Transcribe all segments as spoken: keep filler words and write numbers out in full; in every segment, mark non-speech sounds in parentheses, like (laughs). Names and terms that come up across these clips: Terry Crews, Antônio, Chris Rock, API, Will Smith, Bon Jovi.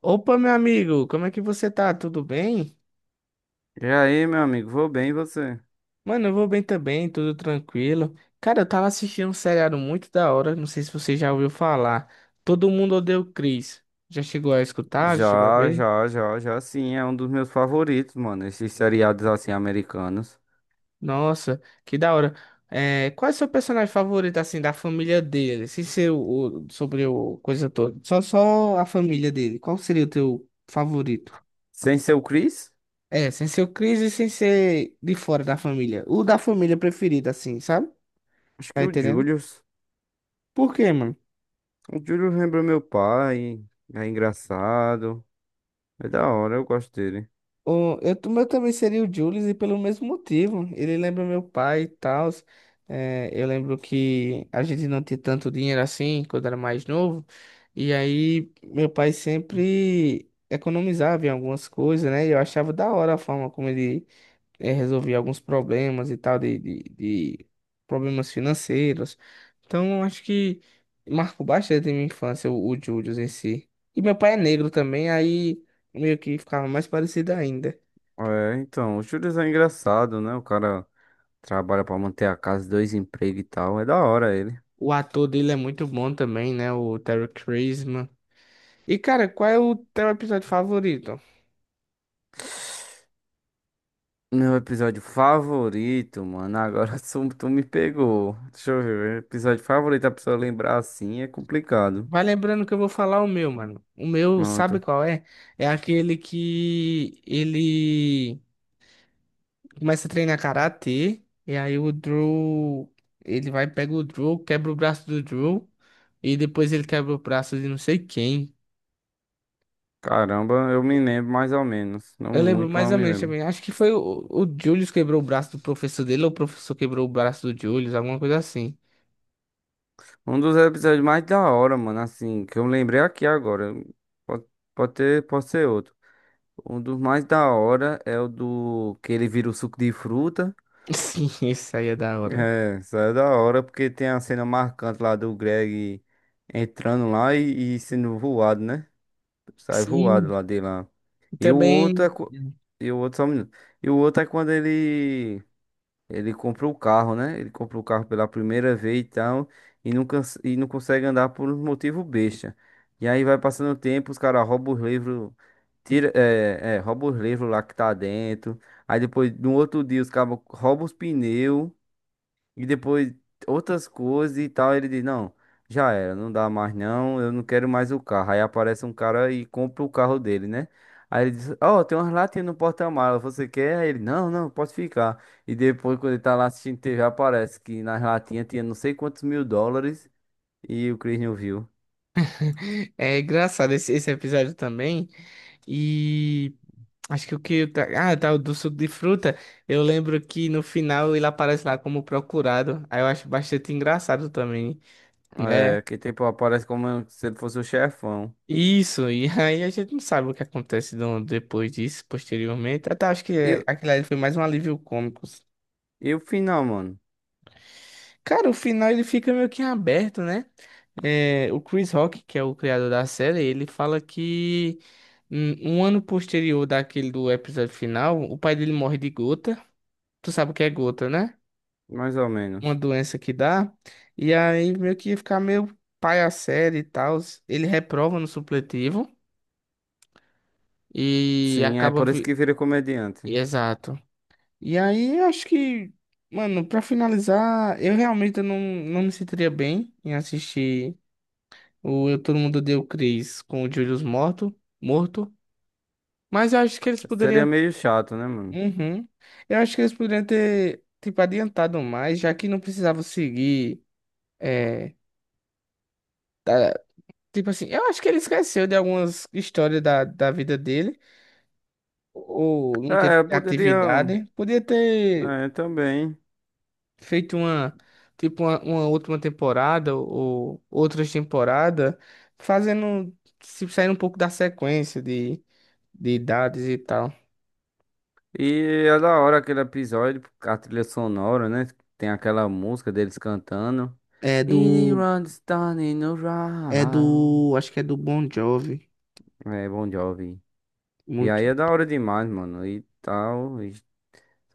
Opa, meu amigo, como é que você tá? Tudo bem? E aí, meu amigo, vou bem, e você? Mano, eu vou bem também, tudo tranquilo. Cara, eu tava assistindo um seriado muito da hora, não sei se você já ouviu falar. Todo mundo odeia o Chris. Já chegou a escutar? Já chegou a Já, ver? já, já, já, sim, é um dos meus favoritos, mano, esses seriados assim americanos. Nossa, que da hora. É, qual é o seu personagem favorito, assim, da família dele? Sem ser o, o- sobre o coisa toda. Só, só a família dele. Qual seria o teu favorito? Sem ser o Chris? É, sem ser o Chris e sem ser de fora da família. O da família preferida, assim, sabe? Acho Tá que o entendendo? Julius. Por quê, mano? O Julius lembra meu pai, é engraçado, é da hora, eu gosto dele. O, eu, t- o meu também seria o Julius e pelo mesmo motivo. Ele lembra meu pai e tal. É, eu lembro que a gente não tinha tanto dinheiro assim quando era mais novo. E aí meu pai sempre economizava em algumas coisas, né? E eu achava da hora a forma como ele eh, resolvi alguns problemas e tal, de, de, de problemas financeiros. Então, eu acho que marcou bastante a minha infância, o, o Júlio em si. E meu pai é negro também, aí meio que ficava mais parecido ainda. É, então, o Julius é engraçado, né? O cara trabalha pra manter a casa, dois empregos e tal, é da hora ele. O ator dele é muito bom também, né? O Terry Crews. E, cara, qual é o teu episódio favorito? Meu episódio favorito, mano. Agora (laughs) tu tu me pegou. Deixa eu ver. Episódio favorito, a pessoa lembrar assim é complicado. Vai lembrando que eu vou falar o meu, mano. O meu, sabe Pronto. qual é? É aquele que ele começa a treinar karatê, e aí o Drew, ele vai, pega o Drew, quebra o braço do Drew, e depois ele quebra o braço de não sei quem. Caramba, eu me lembro mais ou menos. Não Eu lembro muito, mas mais eu ou me menos lembro. também, acho que foi o, o Julius quebrou o braço do professor dele, ou o professor quebrou o braço do Julius, alguma coisa assim. Um dos episódios mais da hora, mano. Assim, que eu lembrei aqui agora. Pode, pode ter, pode ser outro. Um dos mais da hora é o do que ele vira o suco de fruta. (laughs) Sim, isso aí é da hora. É, isso é da hora porque tem a cena marcante lá do Greg entrando lá e e sendo voado, né? Sai voado Sim, lá de lá. E o outro é. também co- E o outro, só um minuto. E o outro é quando ele. Ele compra o carro, né? Ele compra o carro pela primeira vez e tal. E não, cons- e não consegue andar por um motivo besta. E aí vai passando o tempo, os caras roubam os livros. Tira, é, é, rouba os livros lá que tá dentro. Aí depois, no outro dia, os caras roubam os pneus. E depois outras coisas e tal. Ele diz: Não, já era, não dá mais não, eu não quero mais o carro. Aí aparece um cara e compra o carro dele, né? Aí ele diz: Ó, tem umas latinhas no porta-mala, você quer? Aí ele: Não, não, pode ficar. E depois, quando ele tá lá assistindo T V, aparece que nas latinhas tinha não sei quantos mil dólares e o Chris não viu. (laughs) é engraçado esse, esse episódio também. E. Acho que o que. Tá, ah, tá, o do suco de fruta. Eu lembro que no final ele aparece lá como procurado. Aí eu acho bastante engraçado também, né? É, que tipo, aparece como se ele fosse o chefão. Isso, e (laughs) aí a gente não sabe o que acontece do- depois disso, posteriormente. Até acho que é, E, aquilo ali foi mais um alívio cômico. e o final, mano? Cara, o final ele fica meio que em aberto, né? É, o Chris Rock, que é o criador da série, ele fala que hum, um ano posterior daquele do episódio final, o pai dele morre de gota. Tu sabe o que é gota, né? Mais ou Uma menos. doença que dá, e aí meio que ia ficar meio pai a série e tal. Ele reprova no supletivo e Sim, é acaba. por isso vi- que vira comediante. Exato. E aí eu acho que, mano, pra finalizar, eu realmente não, não me sentiria bem em assistir o Eu Todo Mundo Odeia o Chris com o Julius morto, morto, mas eu acho que eles Seria poderiam. meio chato, né, mano? Uhum. Eu acho que eles poderiam ter, tipo, adiantado mais, já que não precisava seguir. É, tipo assim, eu acho que ele esqueceu de algumas histórias da, da vida dele, ou não teve É, eu poderia. criatividade. Podia ter É, também. feito uma, tipo, uma, uma última temporada, ou outras temporadas, fazendo, se saindo um pouco da sequência de, de idades e tal. E é da hora aquele episódio, a trilha sonora, né? Tem aquela música deles cantando. É It do, runs down in a é row. do, acho que é do Bon Jovi, É, Bon Jovi. E muito. aí é da hora demais, mano. E tal. E-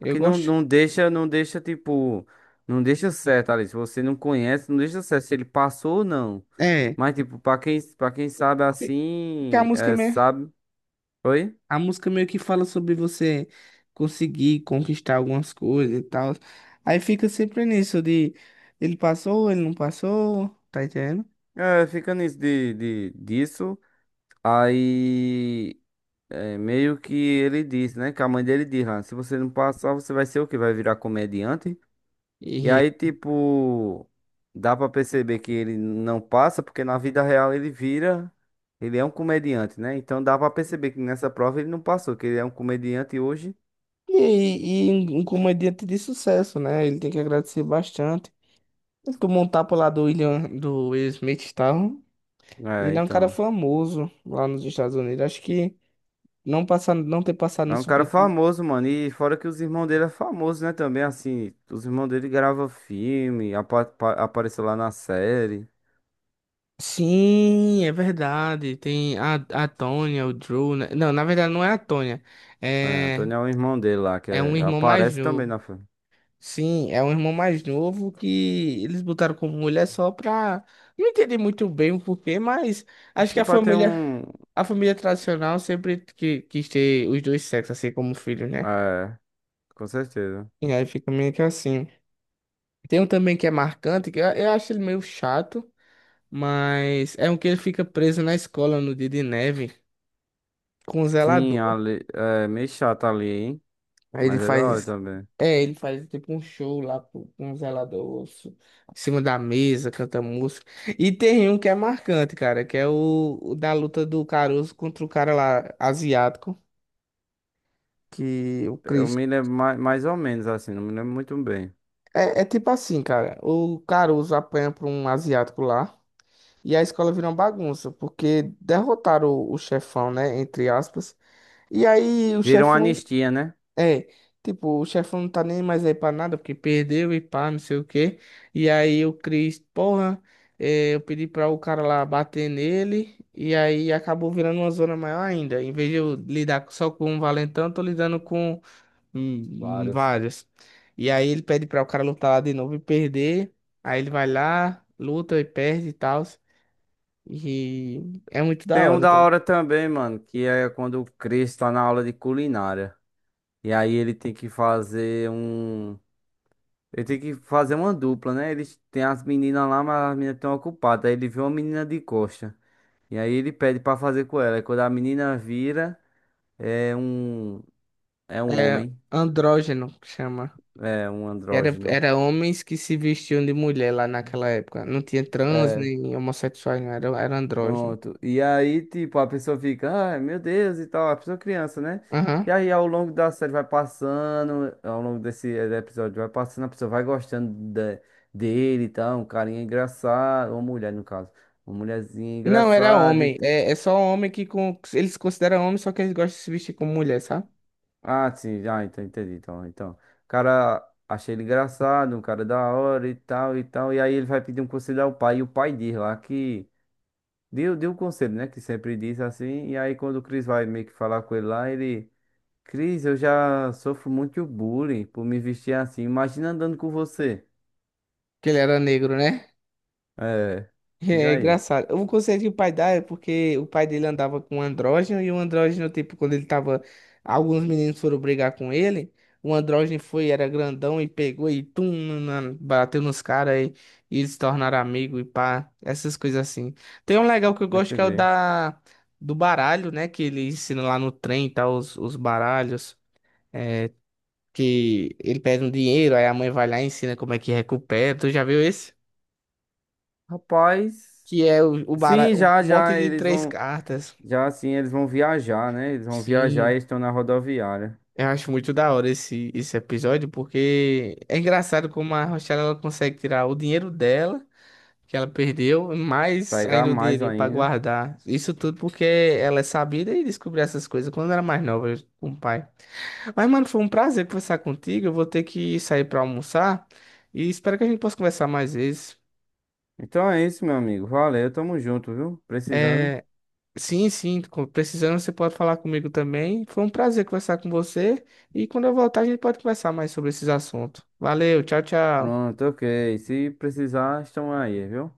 Só que não, gosto, não deixa, não deixa, tipo. Não deixa certo ali. Se você não conhece, não deixa certo se ele passou ou não. é, Mas, tipo, pra quem, pra quem sabe porque porque a assim, música é, mesmo. sabe. Oi? A música meio que fala sobre você conseguir conquistar algumas coisas e tal. Aí fica sempre nisso de ele passou, ele não passou, tá entendendo? É, fica nisso de, de, disso. Aí, é, meio que ele diz, né? Que a mãe dele diz lá, se você não passar, você vai ser o quê? Vai virar comediante? E E, aí, tipo, dá pra perceber que ele não passa, porque na vida real ele vira, ele é um comediante, né? Então dá pra perceber que nessa prova ele não passou, que ele é um comediante hoje. e, e um comediante de sucesso, né? Ele tem que agradecer bastante. Ele tomou um tapa lá do William, do Will Smith e tal. É, Ele é um cara então. famoso lá nos Estados Unidos. Acho que não passar, não ter passado É no um cara Super. famoso, mano. E fora que os irmãos dele é famoso, né? Também, assim, os irmãos dele gravam filme, apa- apa- apareceu lá na série. Sim, é verdade. Tem a, a Tônia, o Drew. Né? Não, na verdade não é a Tônia. É, É. Antônio é o irmão dele lá, que É um é- irmão mais aparece também novo. na filme. Sim, é um irmão mais novo que eles botaram como mulher só pra. Não entendi muito bem o porquê, mas acho Acho que que a pra ter família, um. a família tradicional sempre que, quis ter os dois sexos, assim, como filhos, né? É, com certeza. E aí fica meio que assim. Tem um também que é marcante, que eu, eu acho ele meio chato, mas é um que ele fica preso na escola no dia de neve com o Sim, zelador. ali, é meio chato ali, hein? Aí ele Mas é da hora faz. também. É, ele faz tipo um show lá pro- com um zelador su- em cima da mesa, canta música. E tem um que é marcante, cara, que é o, o, da luta do Caruso contra o cara lá asiático, que o Eu Chris. me lembro mais, mais ou menos assim, não me lembro muito bem. É, é tipo assim, cara, o Caruso apanha pra um asiático lá e a escola vira uma bagunça, porque derrotaram o, o chefão, né, entre aspas. E aí o Virou uma chefão anistia, né? é, tipo, o chefão não tá nem mais aí pra nada, porque perdeu e pá, não sei o quê. E aí o Chris, porra, é, eu pedi pra o cara lá bater nele, e aí acabou virando uma zona maior ainda. Em vez de eu lidar só com um valentão, eu tô lidando com hum, hum, Vários. vários. E aí ele pede pra o cara lutar lá de novo e perder. Aí ele vai lá, luta e perde e tal. E é muito da Tem um hora, da então. hora também, mano, que é quando o Chris tá na aula de culinária. E aí ele tem que fazer um. Ele tem que fazer uma dupla, né? Eles tem as meninas lá, mas as meninas estão ocupadas. Aí ele vê uma menina de coxa. E aí ele pede pra fazer com ela. E quando a menina vira, é um é um É homem, andrógeno, que chama. é um Era, andrógeno. era homens que se vestiam de mulher lá naquela época. Não tinha trans É, nem homossexuais, não. Era, era andrógeno. pronto. E aí, tipo, a pessoa fica, ai, meu Deus, e tal, a pessoa criança, né? Aham. E aí, ao longo da série vai passando, ao longo desse episódio vai passando, a pessoa vai gostando de- dele e tal, um carinha engraçado, uma mulher, no caso, uma mulherzinha Não, era engraçada e homem. tal. É, é só homem que com, eles consideram homem, só que eles gostam de se vestir como mulher, sabe? Ah, sim, ah, então entendi. Então, então, o cara achei ele engraçado, um cara da hora e tal e tal. E aí ele vai pedir um conselho ao pai. E o pai diz lá que deu, deu um conselho, né? Que sempre diz assim. E aí quando o Cris vai meio que falar com ele lá, ele, Cris, eu já sofro muito bullying por me vestir assim. Imagina andando com você. Que ele era negro, né? É, É diga é aí. engraçado. O conselho que o pai dá é porque o pai dele andava com um andrógeno e o andrógeno, tipo, quando ele tava. Alguns meninos foram brigar com ele. O andrógeno foi, era grandão e pegou e tum, na- bateu nos caras e, e eles se tornaram amigos e pá, essas coisas assim. Tem um legal que eu Não gosto que é o entendi. da, do baralho, né? Que ele ensina lá no trem, tá? Os, os baralhos. É, que ele pede um dinheiro, aí a mãe vai lá e ensina como é que recupera. Tu já viu esse? Rapaz, Que é o, o bara- sim, um já, monte já, de eles três vão, cartas. já assim, eles vão viajar, né? Eles vão viajar e Sim, estão na rodoviária. eu acho muito da hora esse, esse episódio, porque é engraçado como a Rochelle ela consegue tirar o dinheiro dela, que ela perdeu, mais Pegar ainda um mais dinheirinho pra ainda. guardar. Isso tudo porque ela é sabida e descobriu essas coisas quando era mais nova com o pai. Mas, mano, foi um prazer conversar contigo. Eu vou ter que sair pra almoçar e espero que a gente possa conversar mais vezes. Então é isso, meu amigo. Valeu, tamo junto, viu? Precisando. É, sim, sim, com- precisando você pode falar comigo também. Foi um prazer conversar com você e quando eu voltar a gente pode conversar mais sobre esses assuntos. Valeu, tchau, tchau. Pronto, ok. Se precisar, estamos aí, viu?